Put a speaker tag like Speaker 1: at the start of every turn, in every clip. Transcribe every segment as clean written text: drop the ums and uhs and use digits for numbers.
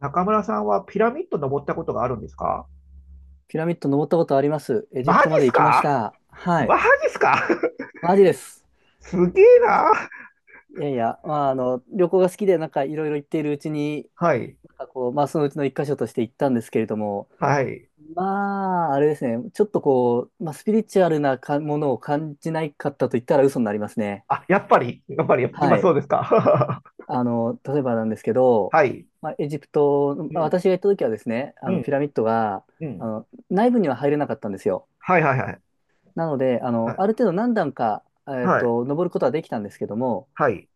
Speaker 1: 中村さんはピラミッド登ったことがあるんですか？
Speaker 2: ピラミッド登ったことあります。エジプ
Speaker 1: マジ
Speaker 2: トま
Speaker 1: っ
Speaker 2: で
Speaker 1: す
Speaker 2: 行きまし
Speaker 1: か
Speaker 2: た。はい。
Speaker 1: マジっすか?
Speaker 2: マジです。
Speaker 1: すげえな。
Speaker 2: いやいや、まあ、旅行が好きで、なんかいろいろ行っているうちに、
Speaker 1: はい。
Speaker 2: なんかこう、まあ、そのうちの一箇所として行ったんですけれども、
Speaker 1: はい。
Speaker 2: まあ、あれですね、ちょっとこう、まあ、スピリチュアルなかものを感じないかったと言ったら嘘になりますね。
Speaker 1: あ、やっぱ
Speaker 2: は
Speaker 1: まあそ
Speaker 2: い。
Speaker 1: うですか。
Speaker 2: 例えばなんですけ ど、
Speaker 1: はい。
Speaker 2: まあ、エジプト、
Speaker 1: う
Speaker 2: まあ
Speaker 1: ん。
Speaker 2: 私が行った時はですね、
Speaker 1: う
Speaker 2: ピ
Speaker 1: ん。
Speaker 2: ラミッドが、
Speaker 1: うん。
Speaker 2: 内部には入れなかったんですよ。
Speaker 1: はいはいはい。
Speaker 2: なので、
Speaker 1: は
Speaker 2: あ
Speaker 1: い。
Speaker 2: る程度何段か、
Speaker 1: はい。
Speaker 2: 登ることはできたんですけども、
Speaker 1: はい。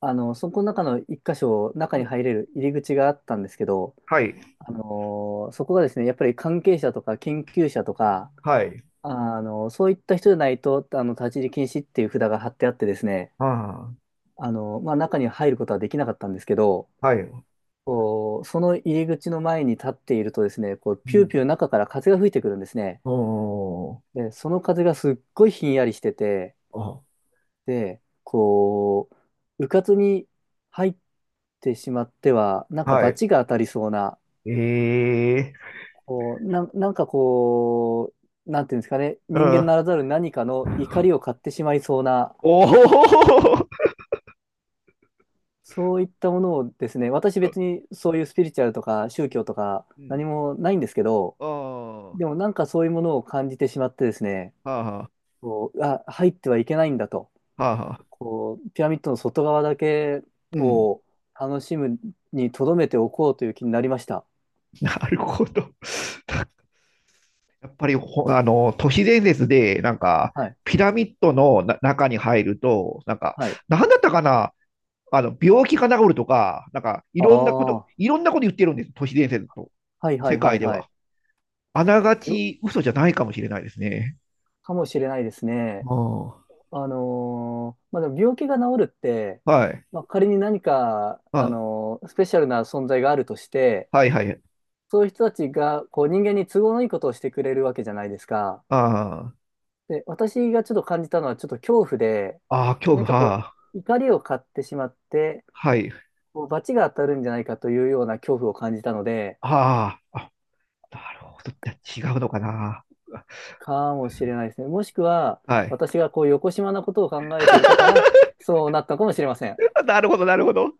Speaker 2: そこの中の一箇所、中
Speaker 1: う
Speaker 2: に
Speaker 1: ん。
Speaker 2: 入れる入り口があったんですけど、
Speaker 1: はい。
Speaker 2: あのそこがですね、やっぱり関係者とか研究者とか、
Speaker 1: はい。
Speaker 2: そういった人じゃないと、立ち入り禁止っていう札が貼ってあってですね、
Speaker 1: ああ。
Speaker 2: まあ、中に入ることはできなかったんですけど、
Speaker 1: はい。う
Speaker 2: こう、その入り口の前に立っているとですね、こう、ピューピ
Speaker 1: ん。
Speaker 2: ュー中から風が吹いてくるんですね。
Speaker 1: おー。
Speaker 2: で、その風がすっごいひんやりしてて、で、こう、うかつに入ってしまっては、なん
Speaker 1: あ、
Speaker 2: か
Speaker 1: はい。
Speaker 2: 罰が当たりそうな、
Speaker 1: ええ、
Speaker 2: こう、なんかこう、なんていうんですかね、
Speaker 1: う
Speaker 2: 人間な
Speaker 1: ん。
Speaker 2: らざる何かの怒りを買ってしまいそうな、
Speaker 1: おお。
Speaker 2: そういったものをですね、私別にそういうスピリチュアルとか宗
Speaker 1: う
Speaker 2: 教
Speaker 1: ん。
Speaker 2: とか
Speaker 1: う
Speaker 2: 何
Speaker 1: ん。
Speaker 2: もないんですけど、
Speaker 1: ああ。は
Speaker 2: でもなんかそういうものを感じてしまってですね、
Speaker 1: あは
Speaker 2: こう、あ、入ってはいけないんだと。
Speaker 1: あ。はあはあ。
Speaker 2: こう、ピラミッドの外側だけ
Speaker 1: うん。
Speaker 2: を楽しむに留めておこうという気になりました。
Speaker 1: なるほど。やっぱりあの、都市伝説で、なんか、
Speaker 2: はい。
Speaker 1: ピラミッドの中に入ると、なんか、
Speaker 2: はい。
Speaker 1: なんだったかな、あの、病気が治るとか、なんか、い
Speaker 2: ああ、
Speaker 1: ろんなこと、
Speaker 2: は
Speaker 1: いろんなこと言ってるんです、都市伝説と、
Speaker 2: いは
Speaker 1: 世
Speaker 2: いは
Speaker 1: 界
Speaker 2: い
Speaker 1: で
Speaker 2: はい。
Speaker 1: は。あなが
Speaker 2: よ、
Speaker 1: ち嘘じゃないかもしれないですね。
Speaker 2: かもしれないですね。
Speaker 1: うん。
Speaker 2: まあ、でも病気が治るって、
Speaker 1: はい。
Speaker 2: まあ、仮に何か、
Speaker 1: あ、
Speaker 2: スペシャルな存在があるとして、
Speaker 1: はいはい。
Speaker 2: そういう人たちがこう人間に都合のいいことをしてくれるわけじゃないですか。
Speaker 1: あーあー、
Speaker 2: で、私がちょっと感じたのはちょっと恐怖で、
Speaker 1: あ恐怖、
Speaker 2: 何か
Speaker 1: は
Speaker 2: こ
Speaker 1: あ、
Speaker 2: う、怒りを買ってしまって、
Speaker 1: はい。
Speaker 2: こう罰が当たるんじゃないかというような恐怖を感じたので、
Speaker 1: ああ、あ、なるほど。じゃあ違うのかな。
Speaker 2: かもしれないですね。もしくは、
Speaker 1: はい。
Speaker 2: 私がこう、横島なことを考えていたから、そうなったかもしれません。
Speaker 1: なるほど、なるほど。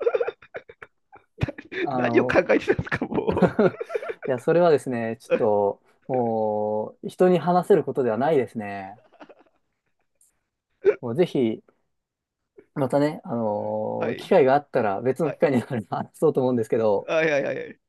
Speaker 2: あ
Speaker 1: 何を考
Speaker 2: の、
Speaker 1: えてたんですか、も
Speaker 2: いや、それはですね、ちょっと、もう、人に話せることではないですね。もう、ぜひ、またね、
Speaker 1: う。は
Speaker 2: 機
Speaker 1: い。
Speaker 2: 会があったら、別の
Speaker 1: は
Speaker 2: 機
Speaker 1: い。
Speaker 2: 会になれば話そうと思うんですけど、
Speaker 1: はいはいはい。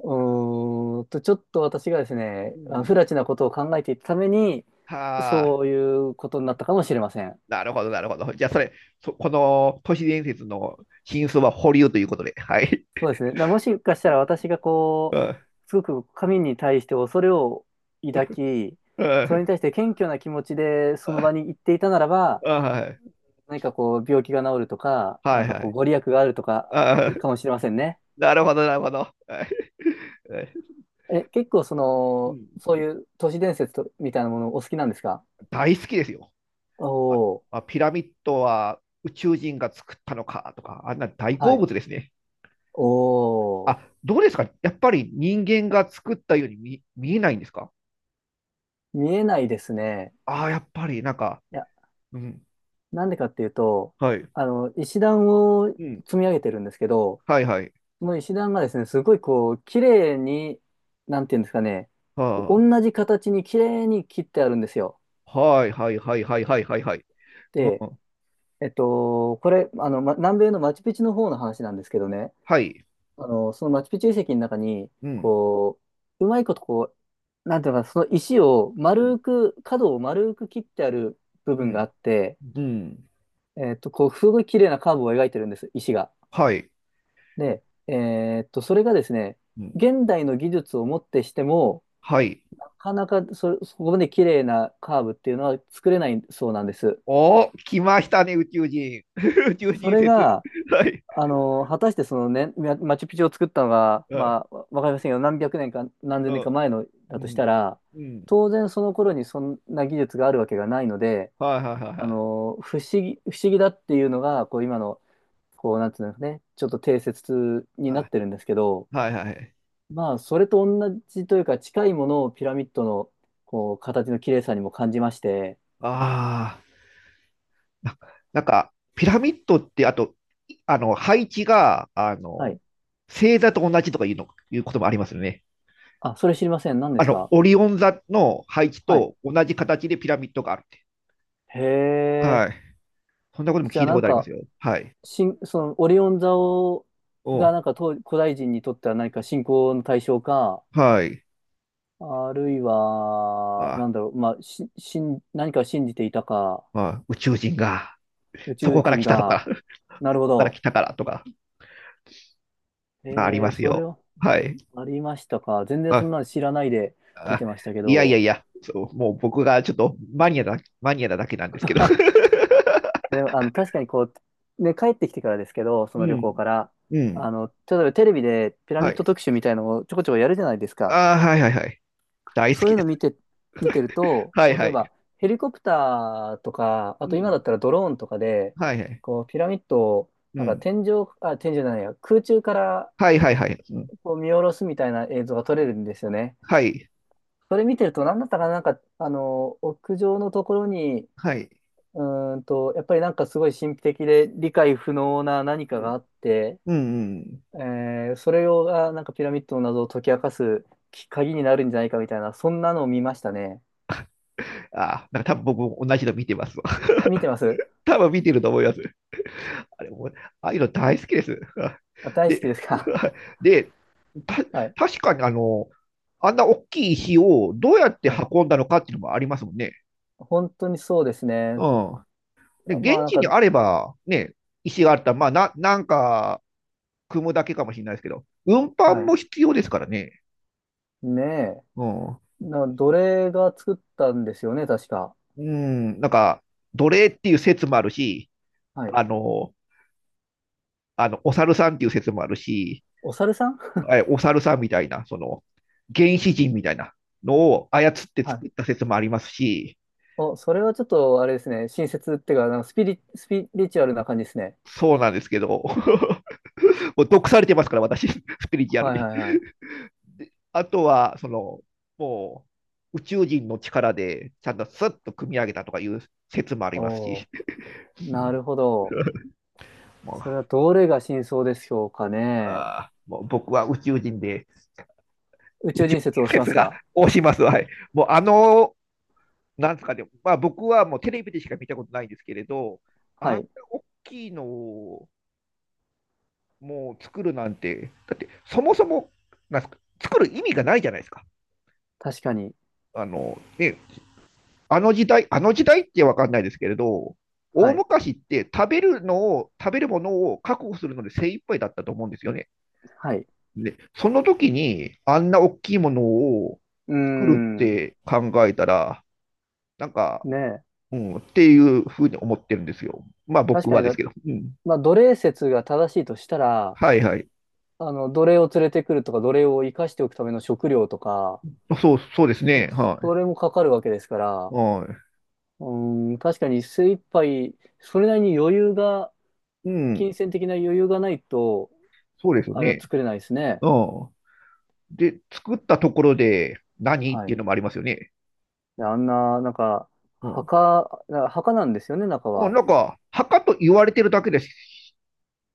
Speaker 2: ちょっと私がですね、
Speaker 1: う
Speaker 2: 不
Speaker 1: ん。
Speaker 2: 埒なことを考えていたために、
Speaker 1: はあ。
Speaker 2: そういうことになったかもしれません。
Speaker 1: なるほど、なるほど。じゃあ、それ、この都市伝説の真相は保留ということで。はい。
Speaker 2: そうですね。だからもしかしたら私がこ
Speaker 1: う
Speaker 2: う、
Speaker 1: ん、
Speaker 2: すごく神に対して恐れを抱き、
Speaker 1: う
Speaker 2: それに
Speaker 1: ん、
Speaker 2: 対して謙虚な気持ちでその場に行っていたならば、
Speaker 1: あはい。
Speaker 2: 何かこう病気が治るとか、な
Speaker 1: は
Speaker 2: ん
Speaker 1: い
Speaker 2: か
Speaker 1: は
Speaker 2: こう
Speaker 1: い。
Speaker 2: ご利益があるとか
Speaker 1: あ、
Speaker 2: かもしれませんね。
Speaker 1: なるほど、なるほど。はいはい、
Speaker 2: え、結構そ
Speaker 1: う
Speaker 2: の、
Speaker 1: ん、
Speaker 2: そういう都市伝説とみたいなものお好きなんですか？
Speaker 1: 大好きですよ。
Speaker 2: お
Speaker 1: あ、
Speaker 2: お
Speaker 1: あ、ピラミッドは宇宙人が作ったのかとか、あんな大
Speaker 2: ー、は
Speaker 1: 好
Speaker 2: い。
Speaker 1: 物ですね。
Speaker 2: お
Speaker 1: あ、
Speaker 2: お、
Speaker 1: どうですかやっぱり人間が作ったように見えないんですか？
Speaker 2: 見えないですね。
Speaker 1: ああ、やっぱり、なんか、
Speaker 2: いや、
Speaker 1: うん、
Speaker 2: なんでかっていうと、
Speaker 1: はい、
Speaker 2: 石段を
Speaker 1: うん、
Speaker 2: 積み上げてるんですけど、
Speaker 1: はい、はい、
Speaker 2: その石段がですね、すごいこう、綺麗に、なんていうんですかね、こう
Speaker 1: は
Speaker 2: 同じ形に綺麗に切ってあるんですよ。
Speaker 1: あ、はい、はい、はい、はい、はい、はい、はい、う
Speaker 2: で、
Speaker 1: ん、
Speaker 2: これ、ま、南米のマチュピチュの方の話なんですけどね、
Speaker 1: はい、
Speaker 2: そのマチュピチュ遺跡の中に、
Speaker 1: うん、
Speaker 2: こう、うまいことこう、なんていうのかな、その石を
Speaker 1: うん、
Speaker 2: 丸く、角を丸く切ってある部
Speaker 1: う
Speaker 2: 分が
Speaker 1: ん、
Speaker 2: あって、
Speaker 1: うん、
Speaker 2: こう、すごい綺麗なカーブを描いてるんです、石が。
Speaker 1: はい、
Speaker 2: で、それがですね、
Speaker 1: うん、
Speaker 2: 現代の技術をもってしても、
Speaker 1: はい。
Speaker 2: なかなかそこまで綺麗なカーブっていうのは作れないそうなんです。
Speaker 1: おー、来ましたね、宇宙人。宇宙
Speaker 2: そ
Speaker 1: 人
Speaker 2: れ
Speaker 1: 説。
Speaker 2: が、
Speaker 1: はい、
Speaker 2: 果たしてそのね、マチュピチュを作ったのが、
Speaker 1: はい、
Speaker 2: まあ、わかりませんよ。何百年か何千
Speaker 1: う
Speaker 2: 年か
Speaker 1: ん、
Speaker 2: 前の
Speaker 1: う
Speaker 2: だとし
Speaker 1: ん、
Speaker 2: たら、
Speaker 1: うん、
Speaker 2: 当然その頃にそんな技術があるわけがないので、
Speaker 1: はい、はい、は
Speaker 2: 不思議だっていうのが、こう今の、こう、なんていうんですかね、ちょっと定説にな
Speaker 1: い、
Speaker 2: ってるんですけど、
Speaker 1: はい、はい、はい、はい。
Speaker 2: まあ、それと同じというか、近いものをピラミッドの、こう、形の綺麗さにも感じまして、
Speaker 1: ああ。ななんか、ピラミッドって、あと、あの、配置が、あ
Speaker 2: は
Speaker 1: の、
Speaker 2: い。
Speaker 1: 星座と同じとかいうの、いうこともありますよね。
Speaker 2: あ、それ知りません。何で
Speaker 1: あ
Speaker 2: す
Speaker 1: の、
Speaker 2: か？
Speaker 1: オリオン座の配置
Speaker 2: はい。
Speaker 1: と同じ形でピラミッドがあるって。
Speaker 2: へ
Speaker 1: は
Speaker 2: え。
Speaker 1: い。そんなことも
Speaker 2: じゃ
Speaker 1: 聞い
Speaker 2: あ
Speaker 1: た
Speaker 2: な
Speaker 1: こ
Speaker 2: ん
Speaker 1: とあります
Speaker 2: か、
Speaker 1: よ。はい。
Speaker 2: その、オリオン座を、
Speaker 1: お、
Speaker 2: がなんか古代人にとっては何か信仰の対象か、
Speaker 1: はい。
Speaker 2: あるいは、
Speaker 1: あ、
Speaker 2: なんだろう、まあ、し、しん、何かを信じていたか、
Speaker 1: まあ、宇宙人が、
Speaker 2: 宇
Speaker 1: そ
Speaker 2: 宙
Speaker 1: こから
Speaker 2: 人
Speaker 1: 来たと
Speaker 2: が、
Speaker 1: か、
Speaker 2: なるほ
Speaker 1: そこから
Speaker 2: ど。
Speaker 1: 来たからとか、
Speaker 2: へ
Speaker 1: あり
Speaker 2: え
Speaker 1: ま
Speaker 2: ー、
Speaker 1: す
Speaker 2: それ
Speaker 1: よ。
Speaker 2: は
Speaker 1: はい。
Speaker 2: ありましたか。全然そ
Speaker 1: あ、
Speaker 2: んなの知らないで見
Speaker 1: あ、
Speaker 2: てましたけ
Speaker 1: いやいや
Speaker 2: ど。
Speaker 1: いや、そう、もう僕がちょっとマニアなだけなんですけど。
Speaker 2: でも、確かにこう、ね、帰ってきてからですけど、そ
Speaker 1: う
Speaker 2: の旅行
Speaker 1: ん。
Speaker 2: から、
Speaker 1: うん。
Speaker 2: 例えばテレビでピラ
Speaker 1: は
Speaker 2: ミッド
Speaker 1: い。
Speaker 2: 特集みたいのをちょこちょこやるじゃないですか。
Speaker 1: ああ、はいはいはい。大好
Speaker 2: そう
Speaker 1: き
Speaker 2: いう
Speaker 1: で
Speaker 2: の
Speaker 1: す。
Speaker 2: 見て、見てると、
Speaker 1: はい
Speaker 2: こう、
Speaker 1: は
Speaker 2: 例え
Speaker 1: い。
Speaker 2: ばヘリコプターとか、あ
Speaker 1: う
Speaker 2: と今
Speaker 1: ん。
Speaker 2: だったらドローンとかで、
Speaker 1: はいはい。
Speaker 2: こう、ピラミッドを、
Speaker 1: う
Speaker 2: なんか
Speaker 1: ん。
Speaker 2: 天井、あ、天井じゃないや、空中から
Speaker 1: はいはいはい。うん。
Speaker 2: こう見下ろすみたいな映像が撮れるんですよね。
Speaker 1: はい。
Speaker 2: それ見てると、何だったかな、なんか、屋上のところに、
Speaker 1: はい。
Speaker 2: うやっぱりなんかすごい神秘的で理解不能な何か
Speaker 1: う
Speaker 2: が
Speaker 1: ん。
Speaker 2: あって、
Speaker 1: うんうん。
Speaker 2: えそれをがなんかピラミッドの謎を解き明かす鍵になるんじゃないかみたいな、そんなのを見ましたね。
Speaker 1: ああ、なんか多分僕も同じの見てますわ。
Speaker 2: あ見 てます。
Speaker 1: 多分見てると思います。あれもう、ああいうの大好きです。
Speaker 2: あ、大好
Speaker 1: で、
Speaker 2: きですか？
Speaker 1: で、た、
Speaker 2: はい。
Speaker 1: 確かにあの、あんな大きい石をどうやって
Speaker 2: はい。
Speaker 1: 運んだのかっていうのもありますもんね。
Speaker 2: 本当にそうですね。
Speaker 1: うん。で、
Speaker 2: まあ
Speaker 1: 現
Speaker 2: なん
Speaker 1: 地に
Speaker 2: か、
Speaker 1: あれば、ね、石があったら、まあ、なんか、組むだけかもしれないですけど、運搬
Speaker 2: はい。
Speaker 1: も必要ですからね。
Speaker 2: ねえ。
Speaker 1: うん。
Speaker 2: 奴隷が作ったんですよね、確か。
Speaker 1: うん、なんか、奴隷っていう説もあるし、
Speaker 2: はい。
Speaker 1: あの、あの、お猿さんっていう説もあるし、
Speaker 2: お猿さん。
Speaker 1: お猿さんみたいな、その、原始人みたいなのを操っ て
Speaker 2: はい。
Speaker 1: 作った説もありますし、
Speaker 2: お、それはちょっとあれですね。親切っていうか、なんかスピリチュアルな感じですね。
Speaker 1: そうなんですけど、もう毒されてますから、私、スピリチュアル
Speaker 2: はい
Speaker 1: に。
Speaker 2: はいはい。
Speaker 1: あとは、その、もう、宇宙人の力で、ちゃんとスッと組み上げたとかいう説もありますし、
Speaker 2: お、なるほど。それ はどれが真相でしょうかね。
Speaker 1: あもう僕は宇宙人で、
Speaker 2: 宇
Speaker 1: 宇
Speaker 2: 宙
Speaker 1: 宙
Speaker 2: 人説を
Speaker 1: 人
Speaker 2: しま
Speaker 1: 説
Speaker 2: す
Speaker 1: が
Speaker 2: か？
Speaker 1: 押します。はい。もうあの、なんですかね、まあ僕はもうテレビでしか見たことないんですけれど、あん
Speaker 2: は
Speaker 1: な
Speaker 2: い。
Speaker 1: 大きいのをもう作るなんて、だってそもそも、なんすか、作る意味がないじゃないですか。
Speaker 2: 確かに。
Speaker 1: あの、ね、あの時代、あの時代ってわかんないですけれど、
Speaker 2: は
Speaker 1: 大
Speaker 2: い。
Speaker 1: 昔って食べるものを確保するので精一杯だったと思うんですよね。
Speaker 2: はい。
Speaker 1: で、その時にあんな大きいものを
Speaker 2: うー
Speaker 1: 作るっ
Speaker 2: ん。
Speaker 1: て考えたら、なんか、
Speaker 2: ねえ。
Speaker 1: うん、っていうふうに思ってるんですよ。まあ
Speaker 2: 確
Speaker 1: 僕
Speaker 2: か
Speaker 1: は
Speaker 2: に
Speaker 1: で
Speaker 2: だ、
Speaker 1: すけど。うん。
Speaker 2: まあ、奴隷説が正しいとしたら、
Speaker 1: はいはい。
Speaker 2: 奴隷を連れてくるとか、奴隷を生かしておくための食料とか、
Speaker 1: そう、そうですね。は
Speaker 2: それもかかるわけですか
Speaker 1: い。
Speaker 2: ら、
Speaker 1: は
Speaker 2: うーん、確かに精一杯、それなりに余裕が、
Speaker 1: い。うん。
Speaker 2: 金銭的な余裕がないと、
Speaker 1: そうですよ
Speaker 2: あれは
Speaker 1: ね。
Speaker 2: 作れないですね。
Speaker 1: うん。で、作ったところで何っ
Speaker 2: は
Speaker 1: てい
Speaker 2: い。
Speaker 1: うのもありますよね。
Speaker 2: であんな、なんか、
Speaker 1: うん。
Speaker 2: 墓なんですよね、中
Speaker 1: うん、
Speaker 2: は。
Speaker 1: なんか、墓と言われてるだけです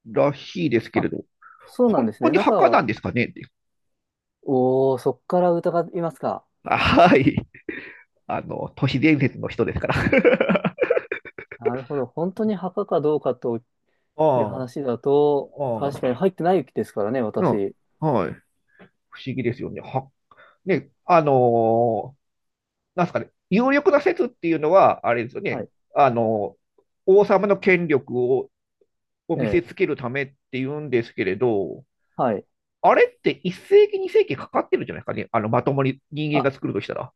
Speaker 1: らしいですけれ
Speaker 2: あ、
Speaker 1: ど、
Speaker 2: そうなん
Speaker 1: 本
Speaker 2: です
Speaker 1: 当
Speaker 2: ね。
Speaker 1: に
Speaker 2: 中
Speaker 1: 墓な
Speaker 2: は、
Speaker 1: んですかねって。
Speaker 2: おー、そっから疑いますか。
Speaker 1: あはい。あの、都市伝説の人ですから。
Speaker 2: なるほど。本当に墓かどうかと いう
Speaker 1: ああ、
Speaker 2: 話だと、
Speaker 1: あ
Speaker 2: 確かに
Speaker 1: あ、
Speaker 2: 入ってないですからね、
Speaker 1: うん。
Speaker 2: 私。
Speaker 1: はい。不思議ですよね。は、ね、なんですかね、有力な説っていうのは、あれですよ
Speaker 2: は
Speaker 1: ね、
Speaker 2: い。
Speaker 1: あのー王様の権力を、を
Speaker 2: え
Speaker 1: 見せつ
Speaker 2: え。
Speaker 1: けるためっていうんですけれど、
Speaker 2: はい。
Speaker 1: あれって1世紀、2世紀かかってるじゃないですかね、あのまともに人間
Speaker 2: あ、
Speaker 1: が作るとしたら。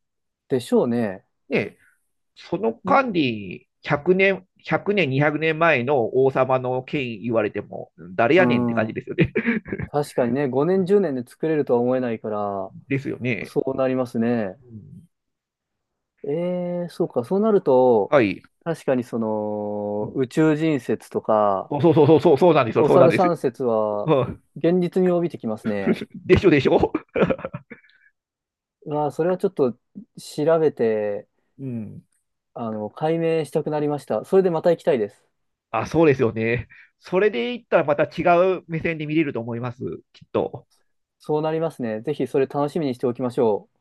Speaker 2: でしょうね。
Speaker 1: ね、その間
Speaker 2: ん
Speaker 1: に100年、100年、200年前の王様の権威言われても、誰や
Speaker 2: う
Speaker 1: ねんって感じ
Speaker 2: ん。
Speaker 1: ですよね。
Speaker 2: 確かにね、5年、10年で作れるとは思えないから、
Speaker 1: ですよね。
Speaker 2: そうなりますね。
Speaker 1: うん、
Speaker 2: ええ、そうか。そうなると、
Speaker 1: はい。
Speaker 2: 確かにそ
Speaker 1: う
Speaker 2: の、
Speaker 1: ん、
Speaker 2: 宇宙人説とか、
Speaker 1: そうそうそうそう、そうなんですよ、
Speaker 2: お
Speaker 1: そうなん
Speaker 2: 猿
Speaker 1: です。
Speaker 2: さん説は、現実味を帯びてきますね。
Speaker 1: でしょでしょ。
Speaker 2: うわあ、それはちょっと調べて、
Speaker 1: うん、
Speaker 2: 解明したくなりました。それでまた行きたいです。
Speaker 1: あ、そうですよね。それで言ったらまた違う目線で見れると思います、きっと。
Speaker 2: そうなりますね。ぜひそれ楽しみにしておきましょう。